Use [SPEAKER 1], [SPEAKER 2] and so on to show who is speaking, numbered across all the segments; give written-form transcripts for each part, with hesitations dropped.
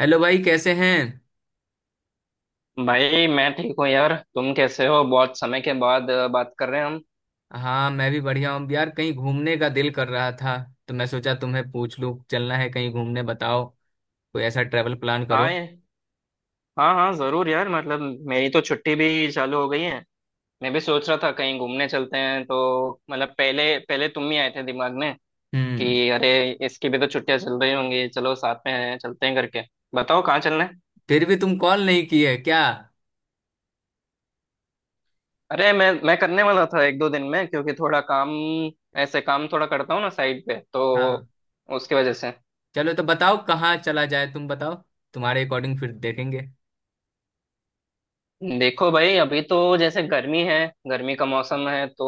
[SPEAKER 1] Hello भाई, कैसे हैं?
[SPEAKER 2] भाई मैं ठीक हूँ यार। तुम कैसे हो? बहुत समय के बाद बात कर रहे हैं हम।
[SPEAKER 1] हाँ, मैं भी बढ़िया हूँ यार। कहीं घूमने का दिल कर रहा था, तो मैं सोचा तुम्हें पूछ लूँ, चलना है कहीं घूमने? बताओ। कोई ऐसा ट्रेवल प्लान करो।
[SPEAKER 2] हाँ ये- हाँ हाँ, जरूर यार। मतलब मेरी तो छुट्टी भी चालू हो गई है। मैं भी सोच रहा था कहीं घूमने चलते हैं, तो मतलब पहले पहले तुम ही आए थे दिमाग में
[SPEAKER 1] हम्म।
[SPEAKER 2] कि अरे, इसकी भी तो छुट्टियां चल रही होंगी, चलो साथ में चलते हैं करके। बताओ कहाँ चलना है।
[SPEAKER 1] फिर भी तुम कॉल नहीं किए क्या?
[SPEAKER 2] अरे, मैं करने वाला था एक दो दिन में, क्योंकि थोड़ा काम, ऐसे काम थोड़ा करता हूँ ना साइड पे, तो
[SPEAKER 1] हाँ।
[SPEAKER 2] उसकी वजह से।
[SPEAKER 1] चलो, तो बताओ कहाँ चला जाए, तुम बताओ, तुम्हारे अकॉर्डिंग फिर देखेंगे।
[SPEAKER 2] देखो भाई, अभी तो जैसे गर्मी है, गर्मी का मौसम है, तो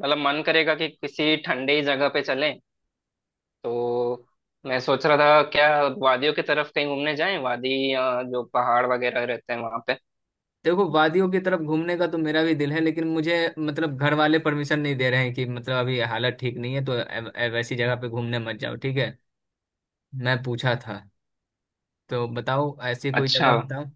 [SPEAKER 2] मतलब मन करेगा कि किसी ठंडे ही जगह पे चलें। तो मैं सोच रहा था क्या वादियों की तरफ कहीं घूमने जाएं, वादी या जो पहाड़ वगैरह रहते हैं वहां पे।
[SPEAKER 1] देखो, वादियों की तरफ घूमने का तो मेरा भी दिल है, लेकिन मुझे मतलब घर वाले परमिशन नहीं दे रहे हैं कि मतलब अभी हालत ठीक नहीं है, तो वैसी जगह पे घूमने मत जाओ, ठीक है। मैं पूछा था। तो बताओ, ऐसी कोई
[SPEAKER 2] अच्छा,
[SPEAKER 1] जगह बताओ।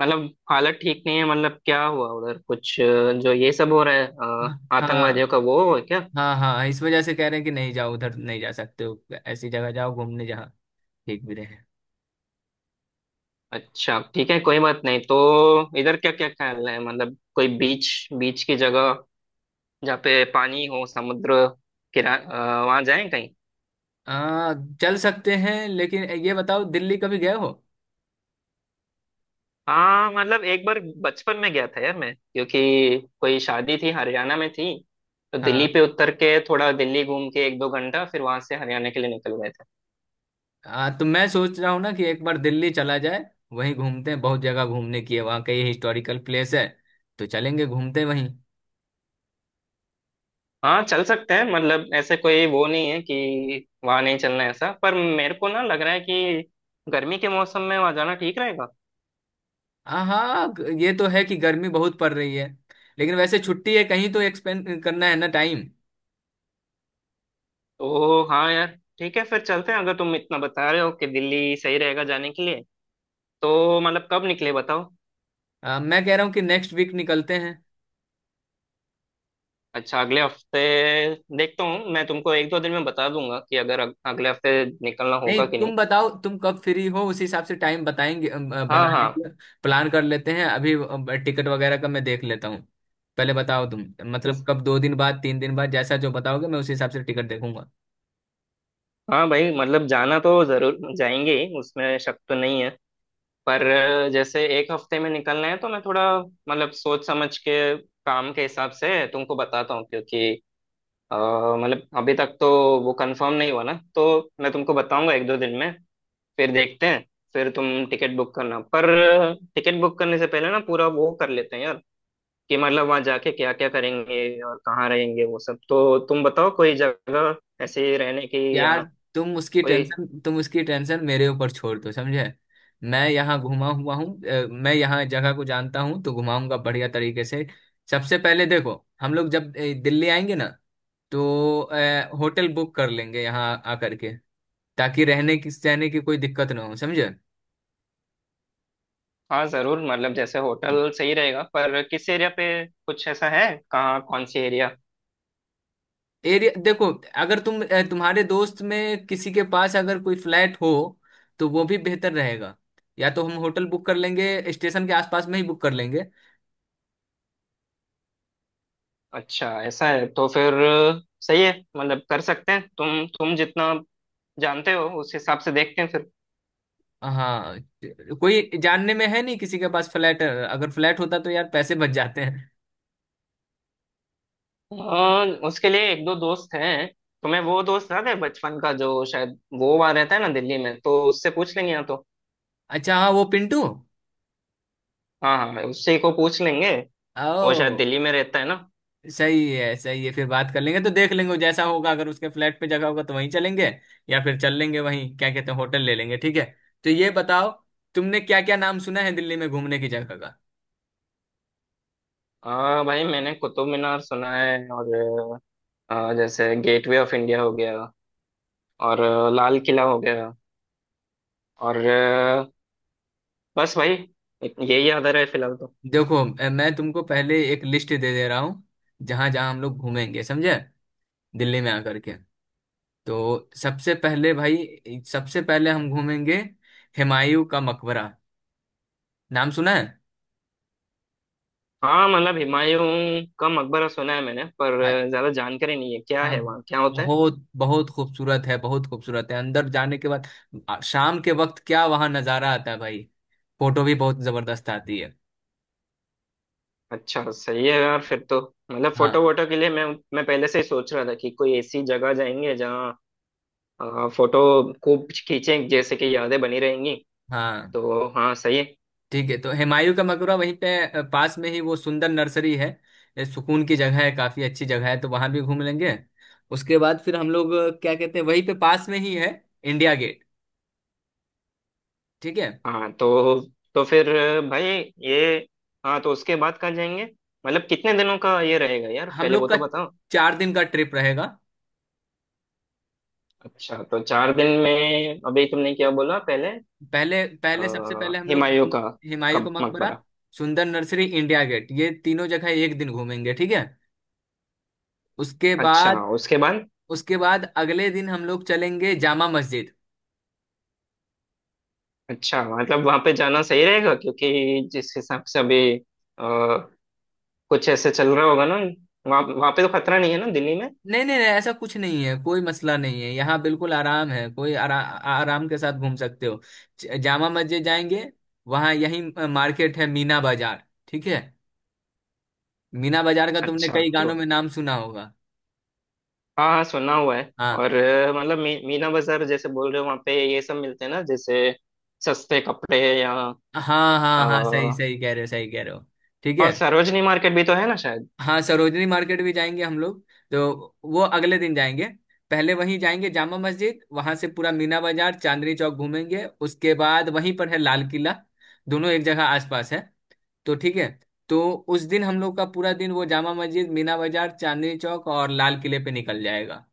[SPEAKER 2] मतलब हालत ठीक नहीं है? मतलब क्या हुआ उधर, कुछ जो ये सब हो रहा है,
[SPEAKER 1] हाँ,
[SPEAKER 2] आतंकवादियों का वो है क्या?
[SPEAKER 1] हाँ, हाँ, इस वजह से कह रहे हैं कि नहीं जाओ, उधर नहीं जा सकते हो। ऐसी जगह जाओ घूमने जहाँ ठीक भी रहे।
[SPEAKER 2] अच्छा, ठीक है कोई बात नहीं, तो इधर क्या क्या ख्याल है? मतलब कोई बीच, बीच की जगह जहाँ पे पानी हो, समुद्र किरा, वहां जाएं कहीं।
[SPEAKER 1] आ, चल सकते हैं, लेकिन ये बताओ, दिल्ली कभी गए हो?
[SPEAKER 2] हाँ, मतलब एक बार बचपन में गया था यार मैं, क्योंकि कोई शादी थी, हरियाणा में थी, तो दिल्ली
[SPEAKER 1] हाँ।
[SPEAKER 2] पे उतर के थोड़ा दिल्ली घूम के एक दो घंटा फिर वहां से हरियाणा के लिए निकल गए थे।
[SPEAKER 1] तो मैं सोच रहा हूँ ना कि एक बार दिल्ली चला जाए, वहीं घूमते हैं, बहुत जगह घूमने की है वहाँ, कई हिस्टोरिकल प्लेस है, तो चलेंगे, घूमते हैं वहीं।
[SPEAKER 2] हाँ चल सकते हैं, मतलब ऐसे कोई वो नहीं है कि वहां नहीं चलना है ऐसा, पर मेरे को ना लग रहा है कि गर्मी के मौसम में वहां जाना ठीक रहेगा।
[SPEAKER 1] हाँ, ये तो है कि गर्मी बहुत पड़ रही है, लेकिन वैसे छुट्टी है, कहीं तो एक्सपेंड करना है ना टाइम।
[SPEAKER 2] तो हाँ यार, ठीक है फिर चलते हैं। अगर तुम इतना बता रहे हो कि दिल्ली सही रहेगा जाने के लिए, तो मतलब कब निकले बताओ।
[SPEAKER 1] मैं कह रहा हूँ कि नेक्स्ट वीक निकलते हैं।
[SPEAKER 2] अच्छा, अगले हफ्ते? देखता हूँ, मैं तुमको एक दो दिन में बता दूंगा कि अगर अगले हफ्ते निकलना
[SPEAKER 1] नहीं,
[SPEAKER 2] होगा कि नहीं।
[SPEAKER 1] तुम बताओ तुम कब फ्री हो, उसी हिसाब से टाइम बताएंगे
[SPEAKER 2] हाँ
[SPEAKER 1] बनाने
[SPEAKER 2] हाँ।
[SPEAKER 1] के। प्लान कर लेते हैं अभी, टिकट वगैरह का मैं देख लेता हूँ। पहले बताओ तुम, मतलब
[SPEAKER 2] उस-
[SPEAKER 1] कब? 2 दिन बाद, 3 दिन बाद, जैसा जो बताओगे मैं उसी हिसाब से टिकट देखूंगा।
[SPEAKER 2] हाँ भाई, मतलब जाना तो जरूर जाएंगे ही, उसमें शक तो नहीं है। पर जैसे एक हफ्ते में निकलना है तो मैं थोड़ा मतलब सोच समझ के, काम के हिसाब से तुमको बताता हूँ, क्योंकि अ, मतलब अभी तक तो वो कंफर्म नहीं हुआ ना, तो मैं तुमको बताऊंगा एक दो दिन में, फिर देखते हैं। फिर तुम टिकट बुक करना, पर टिकट बुक करने से पहले ना पूरा वो कर लेते हैं यार कि मतलब वहां जाके क्या क्या करेंगे और कहाँ रहेंगे, वो सब तो तुम बताओ, कोई जगह ऐसे रहने की या
[SPEAKER 1] यार,
[SPEAKER 2] कोई।
[SPEAKER 1] तुम उसकी टेंशन मेरे ऊपर छोड़ दो, समझे? मैं यहाँ घुमा हुआ हूँ, मैं यहाँ जगह को जानता हूँ, तो घुमाऊंगा बढ़िया तरीके से। सबसे पहले देखो, हम लोग जब दिल्ली आएंगे ना, तो होटल बुक कर लेंगे यहाँ आकर के, ताकि रहने की सहने की कोई दिक्कत ना हो, समझे?
[SPEAKER 2] हाँ जरूर, मतलब जैसे होटल सही रहेगा, पर किस एरिया पे? कुछ ऐसा है कहाँ कौन सी एरिया?
[SPEAKER 1] एरिया देखो, अगर तुम तुम्हारे दोस्त में किसी के पास अगर कोई फ्लैट हो, तो वो भी बेहतर रहेगा, या तो हम होटल बुक कर लेंगे, स्टेशन के आसपास में ही बुक कर लेंगे।
[SPEAKER 2] अच्छा, ऐसा है तो फिर सही है। मतलब कर सकते हैं, तुम जितना जानते हो उस हिसाब से देखते हैं फिर।
[SPEAKER 1] हाँ, कोई जानने में है नहीं किसी के पास फ्लैट, अगर फ्लैट होता तो यार पैसे बच जाते हैं।
[SPEAKER 2] उसके लिए एक दो दोस्त हैं। तुम्हें वो दोस्त याद है बचपन का जो शायद वो वहां रहता है ना दिल्ली में? तो उससे पूछ लेंगे या तो।
[SPEAKER 1] अच्छा, हाँ, वो पिंटू।
[SPEAKER 2] हाँ हाँ, उसी को पूछ लेंगे। वो शायद
[SPEAKER 1] ओ।
[SPEAKER 2] दिल्ली में रहता है ना।
[SPEAKER 1] सही है, सही है, फिर बात कर लेंगे, तो देख लेंगे वो जैसा होगा, अगर उसके फ्लैट पे जगह होगा तो वहीं चलेंगे, या फिर चल लेंगे वहीं, क्या कहते हैं, होटल ले लेंगे, ठीक है। तो ये बताओ, तुमने क्या क्या नाम सुना है दिल्ली में घूमने की जगह का?
[SPEAKER 2] भाई, मैंने कुतुब मीनार सुना है, और जैसे गेटवे ऑफ इंडिया हो गया, और लाल किला हो गया, और बस भाई, यही याद आ रहा है फिलहाल तो।
[SPEAKER 1] देखो, मैं तुमको पहले एक लिस्ट दे दे रहा हूँ, जहां जहां हम लोग घूमेंगे, समझे, दिल्ली में आकर के। तो सबसे पहले भाई, सबसे पहले हम घूमेंगे हुमायूं का मकबरा, नाम सुना है?
[SPEAKER 2] हाँ, मतलब हुमायूं का मकबरा सुना है मैंने, पर
[SPEAKER 1] हाँ।
[SPEAKER 2] ज्यादा जानकारी नहीं है क्या
[SPEAKER 1] हाँ,
[SPEAKER 2] है वहाँ, क्या होता है।
[SPEAKER 1] बहुत बहुत खूबसूरत है, बहुत खूबसूरत है अंदर जाने के बाद। शाम के वक्त क्या वहां नजारा आता है भाई, फोटो भी बहुत जबरदस्त आती है।
[SPEAKER 2] अच्छा, सही है यार फिर तो। मतलब
[SPEAKER 1] हाँ,
[SPEAKER 2] फोटो वोटो के लिए मैं पहले से ही सोच रहा था कि कोई ऐसी जगह जाएंगे जहाँ फोटो खूब खींचे, जैसे कि यादें बनी रहेंगी।
[SPEAKER 1] हाँ।
[SPEAKER 2] तो हाँ सही है।
[SPEAKER 1] ठीक है, तो हुमायूं का मकबरा वहीं पे, पास में ही वो सुंदर नर्सरी है, ये सुकून की जगह है, काफी अच्छी जगह है, तो वहां भी घूम लेंगे। उसके बाद फिर हम लोग क्या कहते हैं, वहीं पे पास में ही है इंडिया गेट, ठीक है।
[SPEAKER 2] हाँ तो फिर भाई ये, हाँ तो उसके बाद कहाँ जाएंगे? मतलब कितने दिनों का ये रहेगा यार,
[SPEAKER 1] हम
[SPEAKER 2] पहले
[SPEAKER 1] लोग
[SPEAKER 2] वो
[SPEAKER 1] का
[SPEAKER 2] तो बताओ।
[SPEAKER 1] 4 दिन का ट्रिप रहेगा।
[SPEAKER 2] अच्छा, तो 4 दिन में अभी तुमने क्या बोला पहले?
[SPEAKER 1] पहले
[SPEAKER 2] अ,
[SPEAKER 1] पहले सबसे पहले हम लोग
[SPEAKER 2] हुमायूं का,
[SPEAKER 1] हुमायूं का
[SPEAKER 2] कब
[SPEAKER 1] मकबरा,
[SPEAKER 2] मकबरा?
[SPEAKER 1] सुंदर नर्सरी, इंडिया गेट, ये तीनों जगह एक दिन घूमेंगे, ठीक है। उसके
[SPEAKER 2] अच्छा
[SPEAKER 1] बाद
[SPEAKER 2] उसके बाद?
[SPEAKER 1] उसके बाद अगले दिन हम लोग चलेंगे जामा मस्जिद।
[SPEAKER 2] अच्छा, मतलब वहां पे जाना सही रहेगा क्योंकि जिस हिसाब से अभी अ, कुछ ऐसे चल रहा होगा ना, वहाँ वहाँ पे तो खतरा नहीं है ना दिल्ली में?
[SPEAKER 1] नहीं, नहीं, नहीं, ऐसा कुछ नहीं है, कोई मसला नहीं है यहाँ, बिल्कुल आराम है, कोई आराम के साथ घूम सकते हो। जामा मस्जिद जाएंगे, वहाँ यही मार्केट है, मीना बाजार, ठीक है। मीना बाजार का तुमने
[SPEAKER 2] अच्छा,
[SPEAKER 1] कई
[SPEAKER 2] तो
[SPEAKER 1] गानों में नाम सुना होगा।
[SPEAKER 2] हाँ हाँ सुना हुआ है। और
[SPEAKER 1] हाँ,
[SPEAKER 2] मतलब मीना बाजार जैसे बोल रहे हो, वहाँ पे ये सब मिलते हैं ना जैसे सस्ते कपड़े? या
[SPEAKER 1] हाँ, हाँ,
[SPEAKER 2] अ,
[SPEAKER 1] हाँ, सही सही कह रहे हो, सही कह रहे हो, ठीक है।
[SPEAKER 2] और सरोजनी मार्केट भी तो है ना शायद।
[SPEAKER 1] हाँ, सरोजनी मार्केट भी जाएंगे हम लोग, तो वो अगले दिन जाएंगे। पहले वहीं जाएंगे जामा मस्जिद, वहां से पूरा मीना बाजार, चांदनी चौक घूमेंगे, उसके बाद वहीं पर है लाल किला, दोनों एक जगह आसपास है, तो ठीक है। तो उस दिन हम लोग का पूरा दिन वो जामा मस्जिद, मीना बाजार, चांदनी चौक और लाल किले पे निकल जाएगा,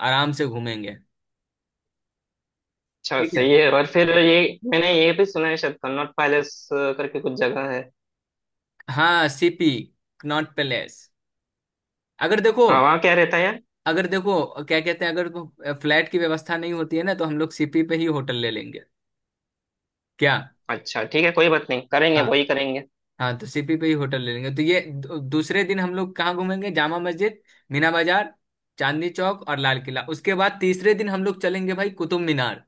[SPEAKER 1] आराम से घूमेंगे,
[SPEAKER 2] अच्छा
[SPEAKER 1] ठीक है।
[SPEAKER 2] सही है। और फिर ये, मैंने ये भी सुना है शायद कन्नॉट पैलेस करके कुछ जगह है।
[SPEAKER 1] हाँ, सीपी, कनॉट पैलेस। अगर देखो
[SPEAKER 2] हाँ, वहाँ क्या रहता है यार?
[SPEAKER 1] अगर देखो, क्या कहते हैं, अगर फ्लैट की व्यवस्था नहीं होती है ना, तो हम लोग सीपी पे ही होटल ले लेंगे, क्या।
[SPEAKER 2] अच्छा ठीक है, कोई बात नहीं, करेंगे
[SPEAKER 1] हाँ,
[SPEAKER 2] वही करेंगे।
[SPEAKER 1] हाँ, तो सीपी पे ही होटल ले लेंगे, तो ये दूसरे दिन हम लोग कहाँ घूमेंगे? जामा मस्जिद, मीना बाजार, चांदनी चौक और लाल किला। उसके बाद तीसरे दिन हम लोग चलेंगे भाई कुतुब मीनार।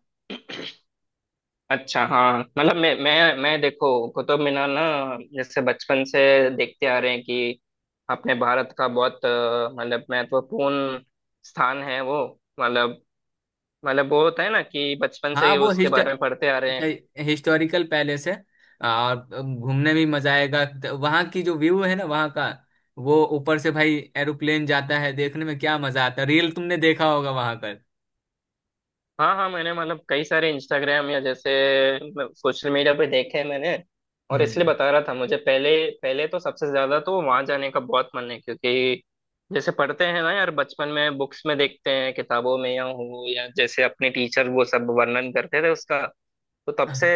[SPEAKER 2] अच्छा, हाँ मतलब मैं देखो, कुतुब मीनार ना, जैसे बचपन से देखते आ रहे हैं कि अपने भारत का बहुत मतलब महत्वपूर्ण स्थान है वो। मतलब मतलब वो होता है ना कि बचपन से
[SPEAKER 1] हाँ,
[SPEAKER 2] ही
[SPEAKER 1] वो
[SPEAKER 2] उसके
[SPEAKER 1] हिस्ट
[SPEAKER 2] बारे में पढ़ते आ रहे
[SPEAKER 1] अच्छा,
[SPEAKER 2] हैं।
[SPEAKER 1] हिस्टोरिकल पैलेस है, और घूमने में भी मजा आएगा, तो वहाँ की जो व्यू है ना वहाँ का, वो ऊपर से भाई एरोप्लेन जाता है, देखने में क्या मजा आता है, रियल! तुमने देखा होगा वहाँ का।
[SPEAKER 2] हाँ हाँ, मैंने मतलब कई सारे इंस्टाग्राम या जैसे सोशल मीडिया पे देखे हैं मैंने, और इसलिए
[SPEAKER 1] हम्म।
[SPEAKER 2] बता रहा था। मुझे पहले, पहले तो सबसे ज्यादा तो वहां जाने का बहुत मन है, क्योंकि जैसे पढ़ते हैं ना यार बचपन में बुक्स में, देखते हैं किताबों में या हो, या जैसे अपने टीचर वो सब वर्णन करते थे उसका। तो तब से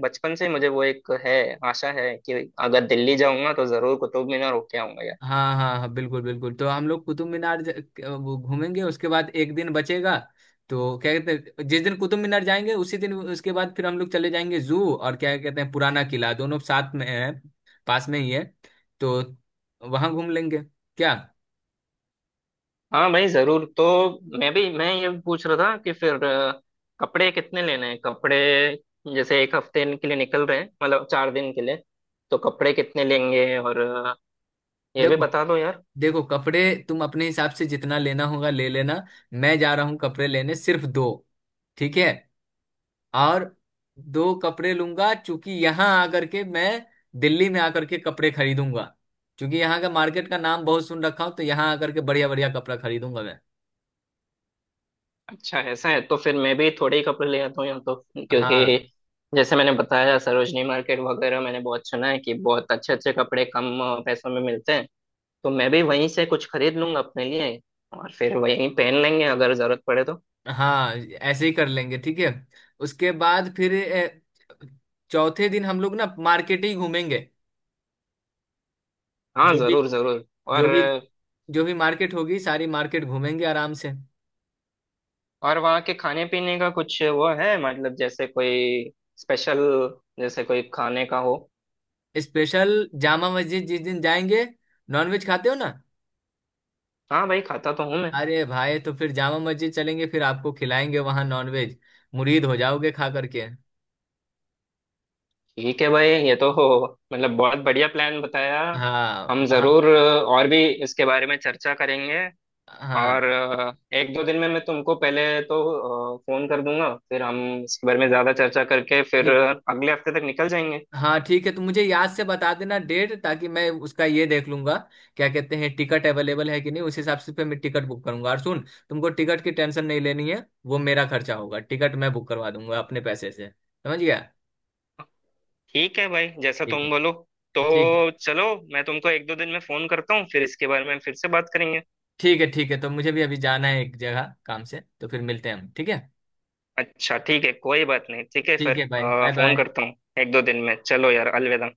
[SPEAKER 2] बचपन से ही मुझे वो एक है, आशा है कि अगर दिल्ली जाऊंगा तो जरूर कुतुब मीनार होके आऊंगा।
[SPEAKER 1] हाँ, हाँ, हाँ, बिल्कुल, बिल्कुल, तो हम लोग कुतुब मीनार वो घूमेंगे, उसके बाद एक दिन बचेगा। तो क्या कहते हैं, जिस दिन कुतुब मीनार जाएंगे, उसी दिन उसके बाद फिर हम लोग चले जाएंगे जू और क्या कहते हैं, पुराना किला, दोनों साथ में है, पास में ही है, तो वहां घूम लेंगे, क्या।
[SPEAKER 2] हाँ भाई जरूर। तो मैं ये पूछ रहा था कि फिर कपड़े कितने लेने हैं? कपड़े जैसे एक हफ्ते के लिए निकल रहे हैं, मतलब 4 दिन के लिए, तो कपड़े कितने लेंगे? और ये भी
[SPEAKER 1] देखो,
[SPEAKER 2] बता दो यार।
[SPEAKER 1] देखो, कपड़े तुम अपने हिसाब से जितना लेना होगा ले लेना, मैं जा रहा हूँ कपड़े लेने सिर्फ दो, ठीक है। और दो कपड़े लूंगा, चूंकि यहाँ आकर के मैं, दिल्ली में आकर के कपड़े खरीदूंगा, क्योंकि यहाँ का मार्केट का नाम बहुत सुन रखा हूँ, तो यहाँ आकर के बढ़िया बढ़िया कपड़ा खरीदूंगा मैं।
[SPEAKER 2] अच्छा, ऐसा है तो फिर मैं भी थोड़े ही कपड़े ले आता हूँ यहाँ तो, क्योंकि
[SPEAKER 1] हाँ,
[SPEAKER 2] जैसे मैंने बताया सरोजनी मार्केट वगैरह मैंने बहुत सुना है कि बहुत अच्छे अच्छे कपड़े कम पैसों में मिलते हैं। तो मैं भी वहीं से कुछ खरीद लूंगा अपने लिए, और फिर वहीं पहन लेंगे अगर जरूरत पड़े तो।
[SPEAKER 1] हाँ, ऐसे ही कर लेंगे, ठीक है। उसके बाद फिर चौथे दिन हम लोग ना मार्केट ही घूमेंगे,
[SPEAKER 2] हाँ
[SPEAKER 1] जो भी,
[SPEAKER 2] जरूर जरूर। और
[SPEAKER 1] जो भी, जो भी मार्केट होगी, सारी मार्केट घूमेंगे आराम से।
[SPEAKER 2] और वहाँ के खाने पीने का कुछ वो है? मतलब जैसे कोई स्पेशल, जैसे कोई खाने का हो?
[SPEAKER 1] स्पेशल, जामा मस्जिद जिस दिन जाएंगे, नॉनवेज खाते हो ना?
[SPEAKER 2] हाँ भाई, खाता तो हूँ मैं।
[SPEAKER 1] अरे भाई, तो फिर जामा मस्जिद चलेंगे, फिर आपको खिलाएंगे वहां नॉनवेज, मुरीद हो जाओगे खा करके।
[SPEAKER 2] ठीक है भाई, ये तो हो, मतलब बहुत बढ़िया प्लान बताया।
[SPEAKER 1] हाँ,
[SPEAKER 2] हम
[SPEAKER 1] वहाँ।
[SPEAKER 2] जरूर और भी इसके बारे में चर्चा करेंगे। और
[SPEAKER 1] हाँ,
[SPEAKER 2] एक दो दिन में मैं तुमको पहले तो फोन कर दूंगा, फिर हम इसके बारे में ज्यादा चर्चा करके फिर
[SPEAKER 1] ठीक।
[SPEAKER 2] अगले हफ्ते तक निकल जाएंगे।
[SPEAKER 1] हाँ ठीक है, तो मुझे याद से बता देना डेट, ताकि मैं उसका ये देख लूंगा, क्या कहते हैं, टिकट अवेलेबल है कि नहीं, उस हिसाब से फिर मैं टिकट बुक करूंगा। और सुन, तुमको टिकट की टेंशन नहीं लेनी है, वो मेरा खर्चा होगा, टिकट मैं बुक करवा दूंगा अपने पैसे से, समझ गया?
[SPEAKER 2] ठीक है भाई, जैसा
[SPEAKER 1] ठीक है।
[SPEAKER 2] तुम बोलो। तो
[SPEAKER 1] ठीक।
[SPEAKER 2] चलो, मैं तुमको एक दो दिन में फोन करता हूँ फिर इसके बारे में फिर से बात करेंगे।
[SPEAKER 1] ठीक है। ठीक है, तो मुझे भी अभी जाना है एक जगह काम से, तो फिर मिलते हैं हम, ठीक है।
[SPEAKER 2] अच्छा, ठीक है कोई बात नहीं। ठीक है,
[SPEAKER 1] ठीक
[SPEAKER 2] फिर
[SPEAKER 1] है, बाय, बाय,
[SPEAKER 2] फोन
[SPEAKER 1] बाय।
[SPEAKER 2] करता हूँ एक दो दिन में। चलो यार, अलविदा।